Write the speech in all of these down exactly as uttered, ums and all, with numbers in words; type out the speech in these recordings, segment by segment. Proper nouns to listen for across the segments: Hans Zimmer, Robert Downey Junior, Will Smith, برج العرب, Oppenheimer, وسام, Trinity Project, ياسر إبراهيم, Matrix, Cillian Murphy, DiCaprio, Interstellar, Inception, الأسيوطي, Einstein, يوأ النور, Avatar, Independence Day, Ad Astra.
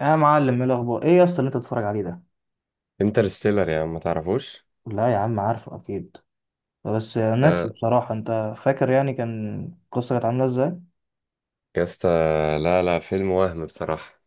يا معلم، ايه الاخبار؟ ايه يا اسطى اللي انت بتتفرج عليه ده؟ انترستيلر يا عم ما تعرفوش. لا يا عم، عارفه اكيد. بس ناسي ده بصراحه. انت فاكر يعني كان القصه كانت عامله ازاي؟ يا اسطى. لا لا، فيلم وهم بصراحة.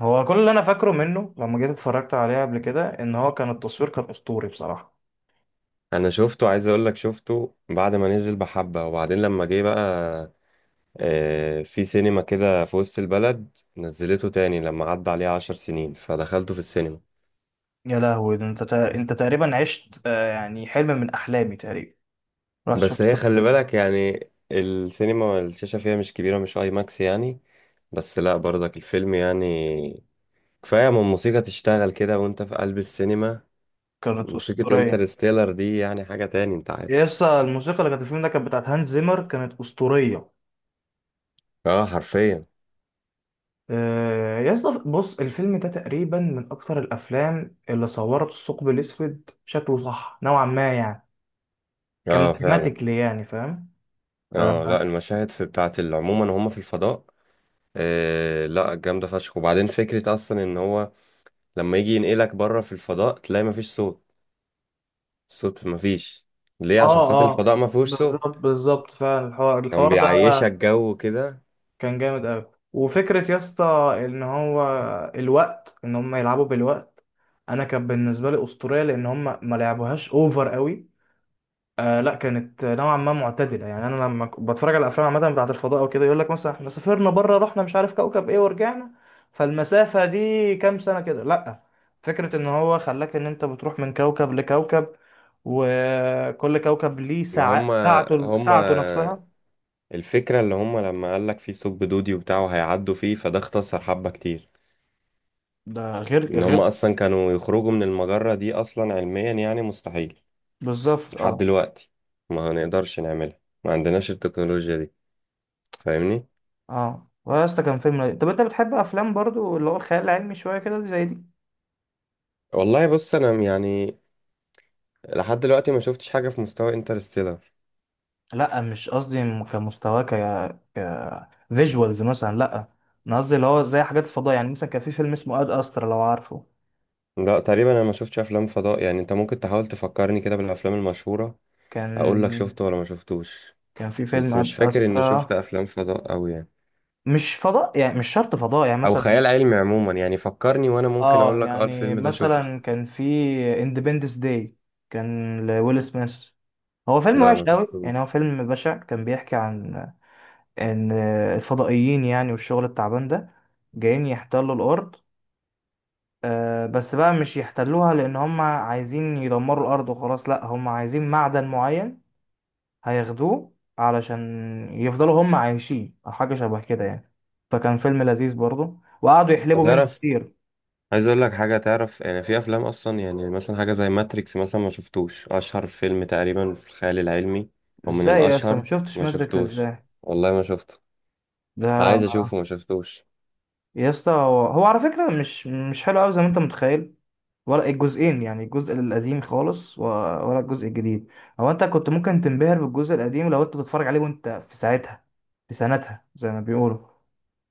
هو كل اللي انا فاكره منه لما جيت اتفرجت عليه قبل كده ان هو كان التصوير كان اسطوري بصراحه. انا شفته، عايز اقول لك شفته بعد ما نزل بحبة. وبعدين لما جه بقى آه، في سينما كده في وسط البلد نزلته تاني لما عدى عليه عشر سنين فدخلته في السينما. يا لهوي، ده انت تا... انت تقريبا عشت، آه، يعني حلم من احلامي تقريبا. رحت بس شفت هي فيلم خلي دراسات. بالك يعني السينما الشاشة فيها مش كبيرة، مش اي ماكس يعني. بس لا برضك الفيلم يعني كفاية من موسيقى تشتغل كده وانت في قلب السينما. كانت موسيقى اسطوريه. انترستيلر دي يعني حاجة تاني، انت يا عارف. اسطى، الموسيقى اللي كانت في الفيلم ده كانت بتاعت هانز زيمر، كانت اسطوريه. اه حرفيا. آه، يا اسطى بص، الفيلم ده تقريبا من اكتر الافلام اللي صورت الثقب الاسود شكله صح نوعا ما يعني. اه فعلا. كماثيماتيكلي يعني، فاهم. اه. اه لا، المشاهد في بتاعت ال- عموما هم في الفضاء. آه لا، جامدة فشخ. وبعدين فكرة اصلا ان هو لما يجي ينقلك بره في الفضاء تلاقي مفيش صوت. صوت مفيش. ليه؟ اه، عشان خاطر آه، الفضاء مفيهوش بالظبط صوت. بالظبط، فعلا الحوار كان الحوار ده بيعيشك جو كده. كان جامد قوي. وفكره يا اسطى ان هو الوقت، ان هم يلعبوا بالوقت. انا كان بالنسبه لي اسطوريه لان هم ما لعبوهاش اوفر قوي. آه لا، كانت نوعا ما معتدله. يعني انا لما ك- بتفرج على الافلام عامه بتاعت الفضاء وكده، يقول لك مثلا احنا سافرنا بره رحنا مش عارف كوكب ايه ورجعنا، فالمسافه دي كام سنه كده، لا. فكره ان هو خلاك ان انت بتروح من كوكب لكوكب، وكل كوكب ليه ما ساعة هم ساعته هم ساعته نفسها. الفكرة اللي هم لما قالك في ثقب دودي وبتاعه هيعدوا فيه فده اختصر حبة كتير. ده غير ان غير هم اصلا كانوا يخرجوا من المجرة دي اصلا علميا يعني مستحيل بالظبط. لحد اه، دلوقتي. ما هنقدرش نعملها، ما عندناش التكنولوجيا دي. فاهمني. اه واسطى كان فيلم لذيذ. طب انت بتحب افلام برضو اللي هو الخيال العلمي شويه كده زي دي؟ والله بص انا يعني لحد دلوقتي ما شفتش حاجة في مستوى انترستيلر. لا مش قصدي م- كمستواه، ك ك فيجوالز مثلا، لا. انا قصدي اللي هو زي حاجات الفضاء يعني. مثلا كان في فيلم اسمه اد استرا، لو عارفه. لا، تقريبا انا ما شفتش افلام فضاء يعني. انت ممكن تحاول تفكرني كده بالافلام المشهورة، اقول لك كان شفته ولا ما شفتوش. كان في فيلم بس مش اد فاكر اني شفت استرا. افلام فضاء أوي يعني. مش فضاء يعني، مش شرط فضاء يعني. او مثلا، خيال علمي عموما، يعني فكرني وانا ممكن اه اقول لك اه، يعني الفيلم ده شفته. مثلا كان في اندبندس داي، كان لويل سميث. هو فيلم لا وحش ما قوي يعني، شفتوش. هو فيلم بشع. كان بيحكي عن ان الفضائيين يعني، والشغل التعبان ده جايين يحتلوا الارض. آه، بس بقى مش يحتلوها لان هم عايزين يدمروا الارض وخلاص، لا هم عايزين معدن معين هياخدوه علشان يفضلوا هم عايشين، او حاجه شبه كده يعني. فكان فيلم لذيذ برضه، وقعدوا يحلبوا منه تعرف، كتير. عايز اقول لك حاجه. تعرف يعني في افلام اصلا يعني مثلا حاجه زي ماتريكس مثلا ما شفتوش؟ اشهر فيلم تقريبا في الخيال العلمي، او من ازاي يا اسطى ما الاشهر. شفتش ما ماتريكس؟ شفتوش، ازاي؟ والله ما شفته. ده عايز اشوفه، ما شفتوش. يا اسطى هو هو على فكره مش مش حلو قوي زي ما انت متخيل، ولا الجزئين. يعني الجزء القديم خالص و- ولا الجزء الجديد، هو انت كنت ممكن تنبهر بالجزء القديم لو انت بتتفرج عليه وانت في ساعتها، في سنتها زي ما بيقولوا.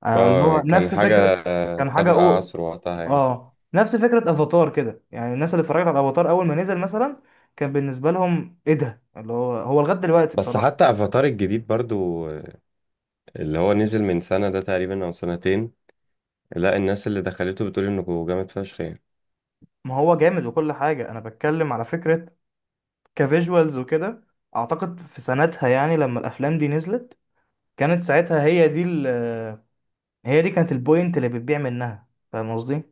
آه، اللي اه هو كان نفس حاجه فكرة، آه، كان حاجة سابقه أو، عصر وقتها يعني. اه نفس فكرة افاتار كده. يعني الناس اللي اتفرجت على افاتار اول ما نزل مثلا، كان بالنسبة لهم ايه ده اللي هو. هو لغاية دلوقتي بس بصراحة. حتى افاتار الجديد برضو آه، اللي هو نزل من سنه ده تقريبا او سنتين. لا الناس اللي دخلته بتقول انه جامد فشخ يعني. ما هو جامد وكل حاجة، انا بتكلم على فكرة كفيجوالز وكده. اعتقد في سنتها يعني لما الافلام دي نزلت، كانت ساعتها هي دي ال، هي دي كانت البوينت اللي بتبيع منها. فاهم قصدي؟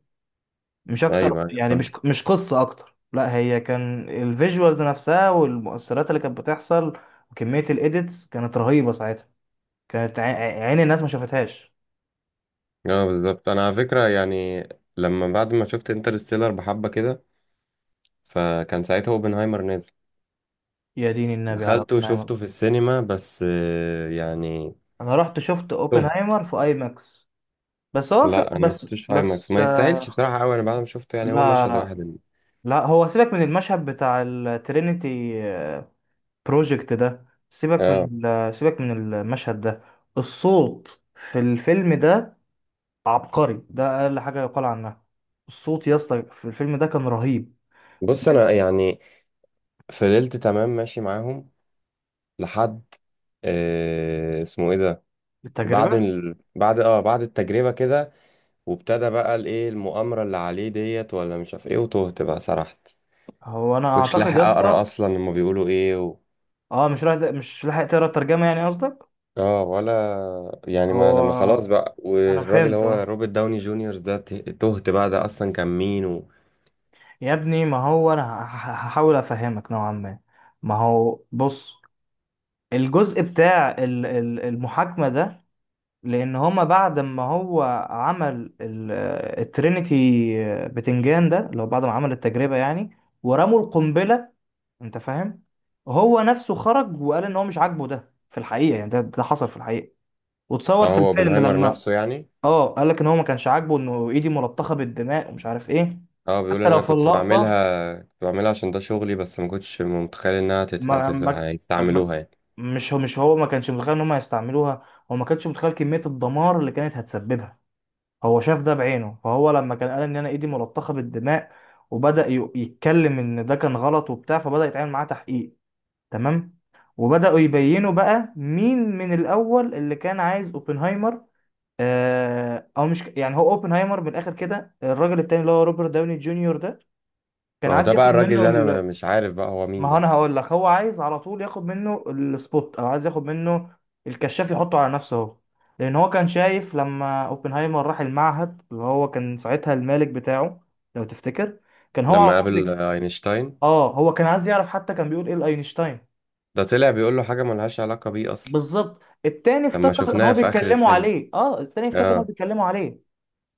مش اكتر ايوه ايوه، يعني، فاهم. مش مش قصة اكتر، لا، هي كان الفيجوالز نفسها والمؤثرات اللي كانت بتحصل، وكمية الايديتس كانت رهيبة ساعتها. كانت عي- عين الناس ما شافتهاش. اه بالظبط، انا على فكره يعني لما بعد ما شفت انترستيلر بحبه كده فكان ساعتها اوبنهايمر نازل. يا دين النبي على دخلت اوبنهايمر. وشفته في السينما، بس آه، يعني انا رحت شفت تهت. اوبنهايمر في اي ماكس. بس هو في، لا انا ما بس شفتوش في اي ماكس، بس ما يستاهلش آه، بصراحه قوي. انا بعد ما شفته لا يعني هو مشهد لا واحد اللي. لا، هو سيبك من المشهد بتاع الترينيتي بروجكت ده. سيبك اه من ال- سيبك من المشهد ده. الصوت في الفيلم ده عبقري. ده اقل حاجه يقال عنها. الصوت يا اسطى في الفيلم ده كان رهيب، من بص انا يعني فضلت تمام ماشي معاهم لحد آه اسمه ايه ده، بعد التجربه. ال... بعد اه بعد التجربه كده. وابتدى بقى الايه المؤامره اللي عليه ديت ولا مش عارف ايه، وتهت بقى سرحت. هو انا كنتش اعتقد يا لاحق اقرا اسطى، اصلا هما بيقولوا ايه. اه، مش راح مش لاحق تقرا الترجمه، يعني قصدك؟ اه ولا يعني ما هو ما خلاص بقى، انا والراجل فهمت، هو اه. روبرت داوني جونيور ده ت- تهت بقى ده اصلا كان مين و... يا ابني، ما هو انا هح- هحاول افهمك نوعا ما. ما هو بص، الجزء بتاع ال- ال- المحاكمه ده، لان هما بعد ما هو عمل ال- الترينيتي، آه، بتنجان ده، لو بعد ما عمل التجربه يعني، ورموا القنبله، انت فاهم. هو نفسه خرج وقال ان هو مش عاجبه ده في الحقيقه. يعني ده ده حصل في الحقيقه، وتصور آه، في هو الفيلم اوبنهايمر لما، نفسه يعني. اه، قال لك ان هو ما كانش عاجبه انه ايدي ملطخه بالدماء ومش عارف ايه. اه بيقول حتى لو انا في كنت اللقطه بعملها، كنت بعملها عشان ده شغلي، بس ما كنتش متخيل انها تت- ما, هتز- ما, ما، هيستعملوها يعني. مش هو مش هو ما كانش متخيل ان هم هيستعملوها. هو ما كانش متخيل كميه الدمار اللي كانت هتسببها. هو شاف ده بعينه، فهو لما كان قال ان انا ايدي ملطخه بالدماء، وبدأ ي- يتكلم ان ده كان غلط وبتاع، فبدأ يتعامل معاه تحقيق. تمام. وبدأوا يبينوا بقى مين من الأول اللي كان عايز اوبنهايمر. آه أو مش ك- يعني هو اوبنهايمر من الآخر كده، الراجل التاني اللي هو روبرت داوني جونيور ده، ما كان هو عايز ده بقى ياخد الراجل منه اللي انا م- ال... مش عارف بقى هو ما مين هو ده. أنا هقول لك، هو عايز على طول ياخد منه السبوت، أو عايز ياخد منه الكشاف يحطه على نفسه هو، لأن هو كان شايف لما اوبنهايمر راح المعهد اللي هو كان ساعتها المالك بتاعه، لو تفتكر، كان هو على لما طول قابل بي- آه، اينشتاين اه، هو كان عايز يعرف حتى كان بيقول ايه لاينشتاين. ده طلع بيقول له حاجة ملهاش علاقة بيه اصلا بالظبط، التاني لما افتكر ان هو شفناها في اخر بيتكلموا الفيلم. عليه، اه، التاني افتكر ان هو اه بيتكلموا عليه.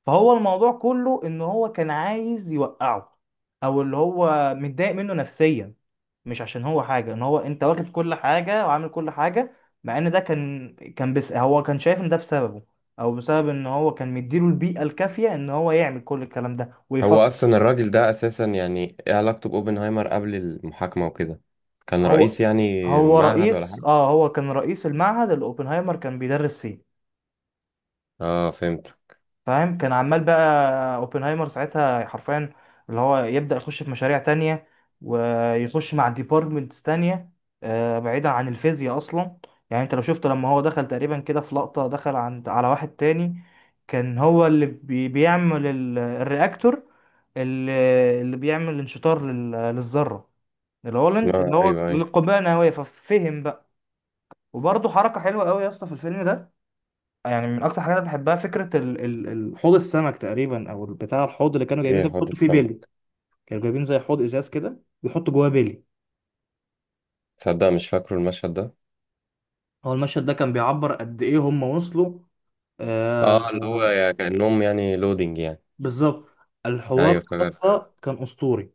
فهو الموضوع كله ان هو كان عايز يوقعه، او اللي هو متضايق منه نفسيا، مش عشان هو حاجه ان هو انت واخد كل حاجه وعامل كل حاجه، مع ان ده كان، كان بس هو كان شايف ان ده بسببه، او بسبب ان هو كان مديله البيئه الكافيه ان هو يعمل كل الكلام ده هو ويفكر. اصلا الراجل ده اساسا يعني ايه علاقته باوبنهايمر قبل المحاكمه وكده؟ كان رئيس هو يعني هو معهد ولا رئيس، حاجه؟ اه، هو كان رئيس المعهد اللي اوبنهايمر كان بيدرس فيه. اه فهمت. فاهم، كان عمال بقى اوبنهايمر ساعتها حرفيا اللي هو يبدأ يخش في مشاريع تانية ويخش مع ديبارتمنتس تانية، آه، بعيدا عن الفيزياء اصلا. يعني انت لو شفت لما هو دخل تقريبا كده في لقطة، دخل عند على واحد تاني كان هو اللي بي- بيعمل ال- الرياكتور، اللي اللي بيعمل انشطار لل- للذرة، اللي هو اللي ما هو ايوه ايوه. للقنبلة النووية، ففهم بقى. وبرضه حركة حلوة قوي يا اسطى في الفيلم ده. يعني من اكتر حاجات انا بحبها فكره ال... ال... ال- حوض السمك تقريبا، او بتاع الحوض اللي كانوا جايبين ايه ده حوض بيحطوا فيه السما؟ بيلي. كانوا جايبين زي حوض ازاز كده بيحطوا جواه بيلي. تصدق مش فاكره المشهد ده. هو المشهد ده كان بيعبر قد ايه هم وصلوا. آه، اه اللي هو يا كانهم يعني لودينج يعني. بالظبط. الحوار ايوه افتكرت آه. اصلا كان اسطوري.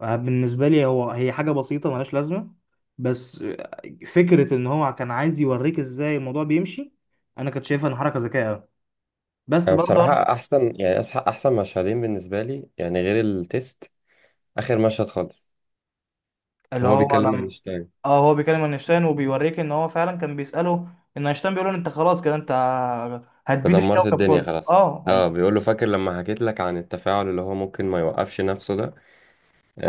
آه، بالنسبه لي هو، هي حاجه بسيطه ملهاش لازمه، بس آه، فكره ان هو كان عايز يوريك ازاي الموضوع بيمشي، انا كنت شايفها ان حركه ذكيه أوي. بس انا برضه بصراحه احسن يعني أسح- احسن مشهدين بالنسبه لي يعني غير التيست، اخر مشهد خالص اللي هو هو بيكلم لما، اينشتاين. اه، هو بيكلم اينشتاين وبيوريك ان هو فعلا كان بيسأله ان اينشتاين بيقول له انت خلاص كده، انت هتبيد تدمرت الكوكب الدنيا كله. خلاص. اه، اه بيقول له فاكر لما حكيت لك عن التفاعل اللي هو ممكن ما يوقفش نفسه ده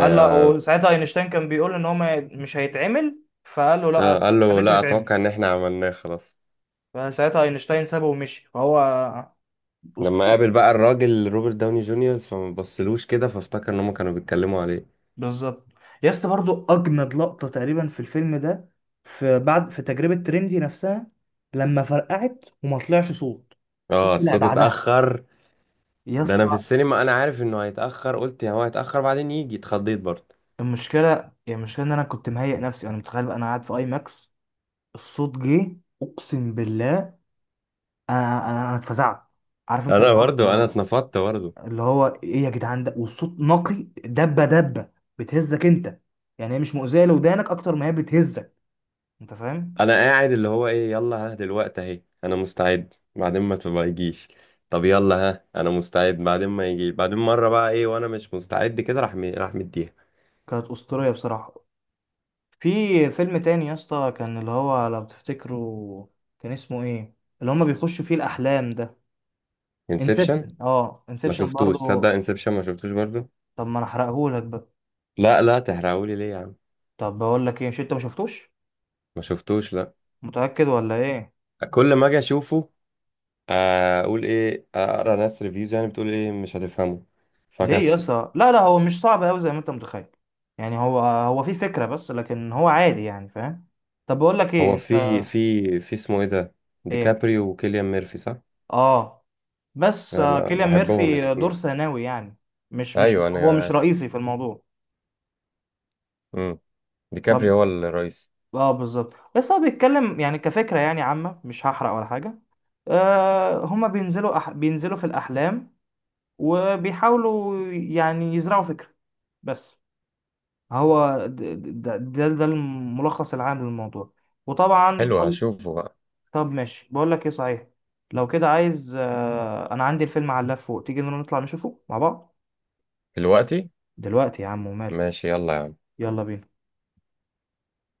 قال له وساعتها اينشتاين كان بيقول ان هو ما- مش هيتعمل، فقال له لا، آه، انا قال له خليته لا، يتعمل. اتوقع ان احنا عملناه خلاص. فساعتها اينشتاين سابه ومشي، فهو لما اسطوري. قابل بقى الراجل روبرت داوني جونيور فما بصلوش كده فافتكر ان هم كانوا بيتكلموا عليه. بالظبط. يا اسطى برضو، اجمد لقطة تقريبا في الفيلم ده، في بعد، في تجربة تريندي نفسها لما فرقعت وما طلعش صوت، اه الصوت طلع الصوت بعدها. اتاخر. ده يس. انا في السينما انا عارف انه هيتاخر، قلت يا هو هيتاخر بعدين يجي، اتخضيت برضه. المشكله، يعني المشكله ان انا كنت مهيئ نفسي، انا متخيل بقى انا قاعد في اي ماكس، الصوت جه، اقسم بالله انا انا أنا اتفزعت. عارف انت انا اللي هو، برضه انا اتنفضت برضه. اللي هو ايه يا جدعان ده، والصوت نقي. دبه دبه بتهزك انت. يعني هي مش مؤذيه لودانك اكتر ما هي بتهزك. انت فاهم، انا قاعد اللي هو ايه يلا ها دلوقتي اهي انا مستعد بعدين ما تبقى يجيش. طب يلا ها انا مستعد بعدين ما يجي، بعدين مره بقى ايه وانا مش مستعد كده راح مي- راح مديها. كانت اسطوريه بصراحه. في فيلم تاني يا اسطى كان، اللي هو لو تفتكروا كان اسمه ايه، اللي هما بيخشوا فيه الاحلام ده؟ انسبشن، انسبشن. اه، ما انسبشن شفتوش تصدق. برضه. انسبشن ما شفتوش برضه. طب ما انا احرقهولك بقى؟ لا لا تحرقهولي ليه يا عم. طب بقول لك ايه، مش انت ما شفتوش؟ ما شفتوش لا. متأكد ولا ايه؟ كل ما اجي اشوفه آه، اقول ايه، اقرا ناس ريفيوز يعني بتقول ايه مش هتفهمه، ليه يا فكسل. اسطى؟ لا لا، هو مش صعب قوي زي ما انت متخيل. يعني هو هو في فكرة بس، لكن هو عادي يعني، فاهم. طب بقول لك ايه هو انت. في في في اسمه ايه ده، ايه، ديكابريو وكيليان ميرفي صح؟ اه، بس آه، آه، لا كيليان بحبهم ميرفي دور الاثنين. ثانوي يعني، مش مش ايوه انا هو مش عارف. رئيسي في الموضوع. امم ديكابريو طب، هو الرئيس. اه بالظبط. بس هو بيتكلم يعني كفكرة يعني عامة، مش هحرق ولا حاجة. آه، هما بينزلوا أح... بينزلوا في الأحلام وبيحاولوا يعني يزرعوا فكرة بس. هو د- د- ده ده, ده الملخص العام للموضوع، وطبعا حلو كل... هشوفه بقى. طب ماشي، بقول لك ايه صحيح، لو كده عايز، آه، انا عندي الفيلم على اللاب فوق، تيجي نطلع نشوفه مع بعض؟ دلوقتي؟ دلوقتي يا عم، وماله. ماشي يلا يا عم. يلا بينا.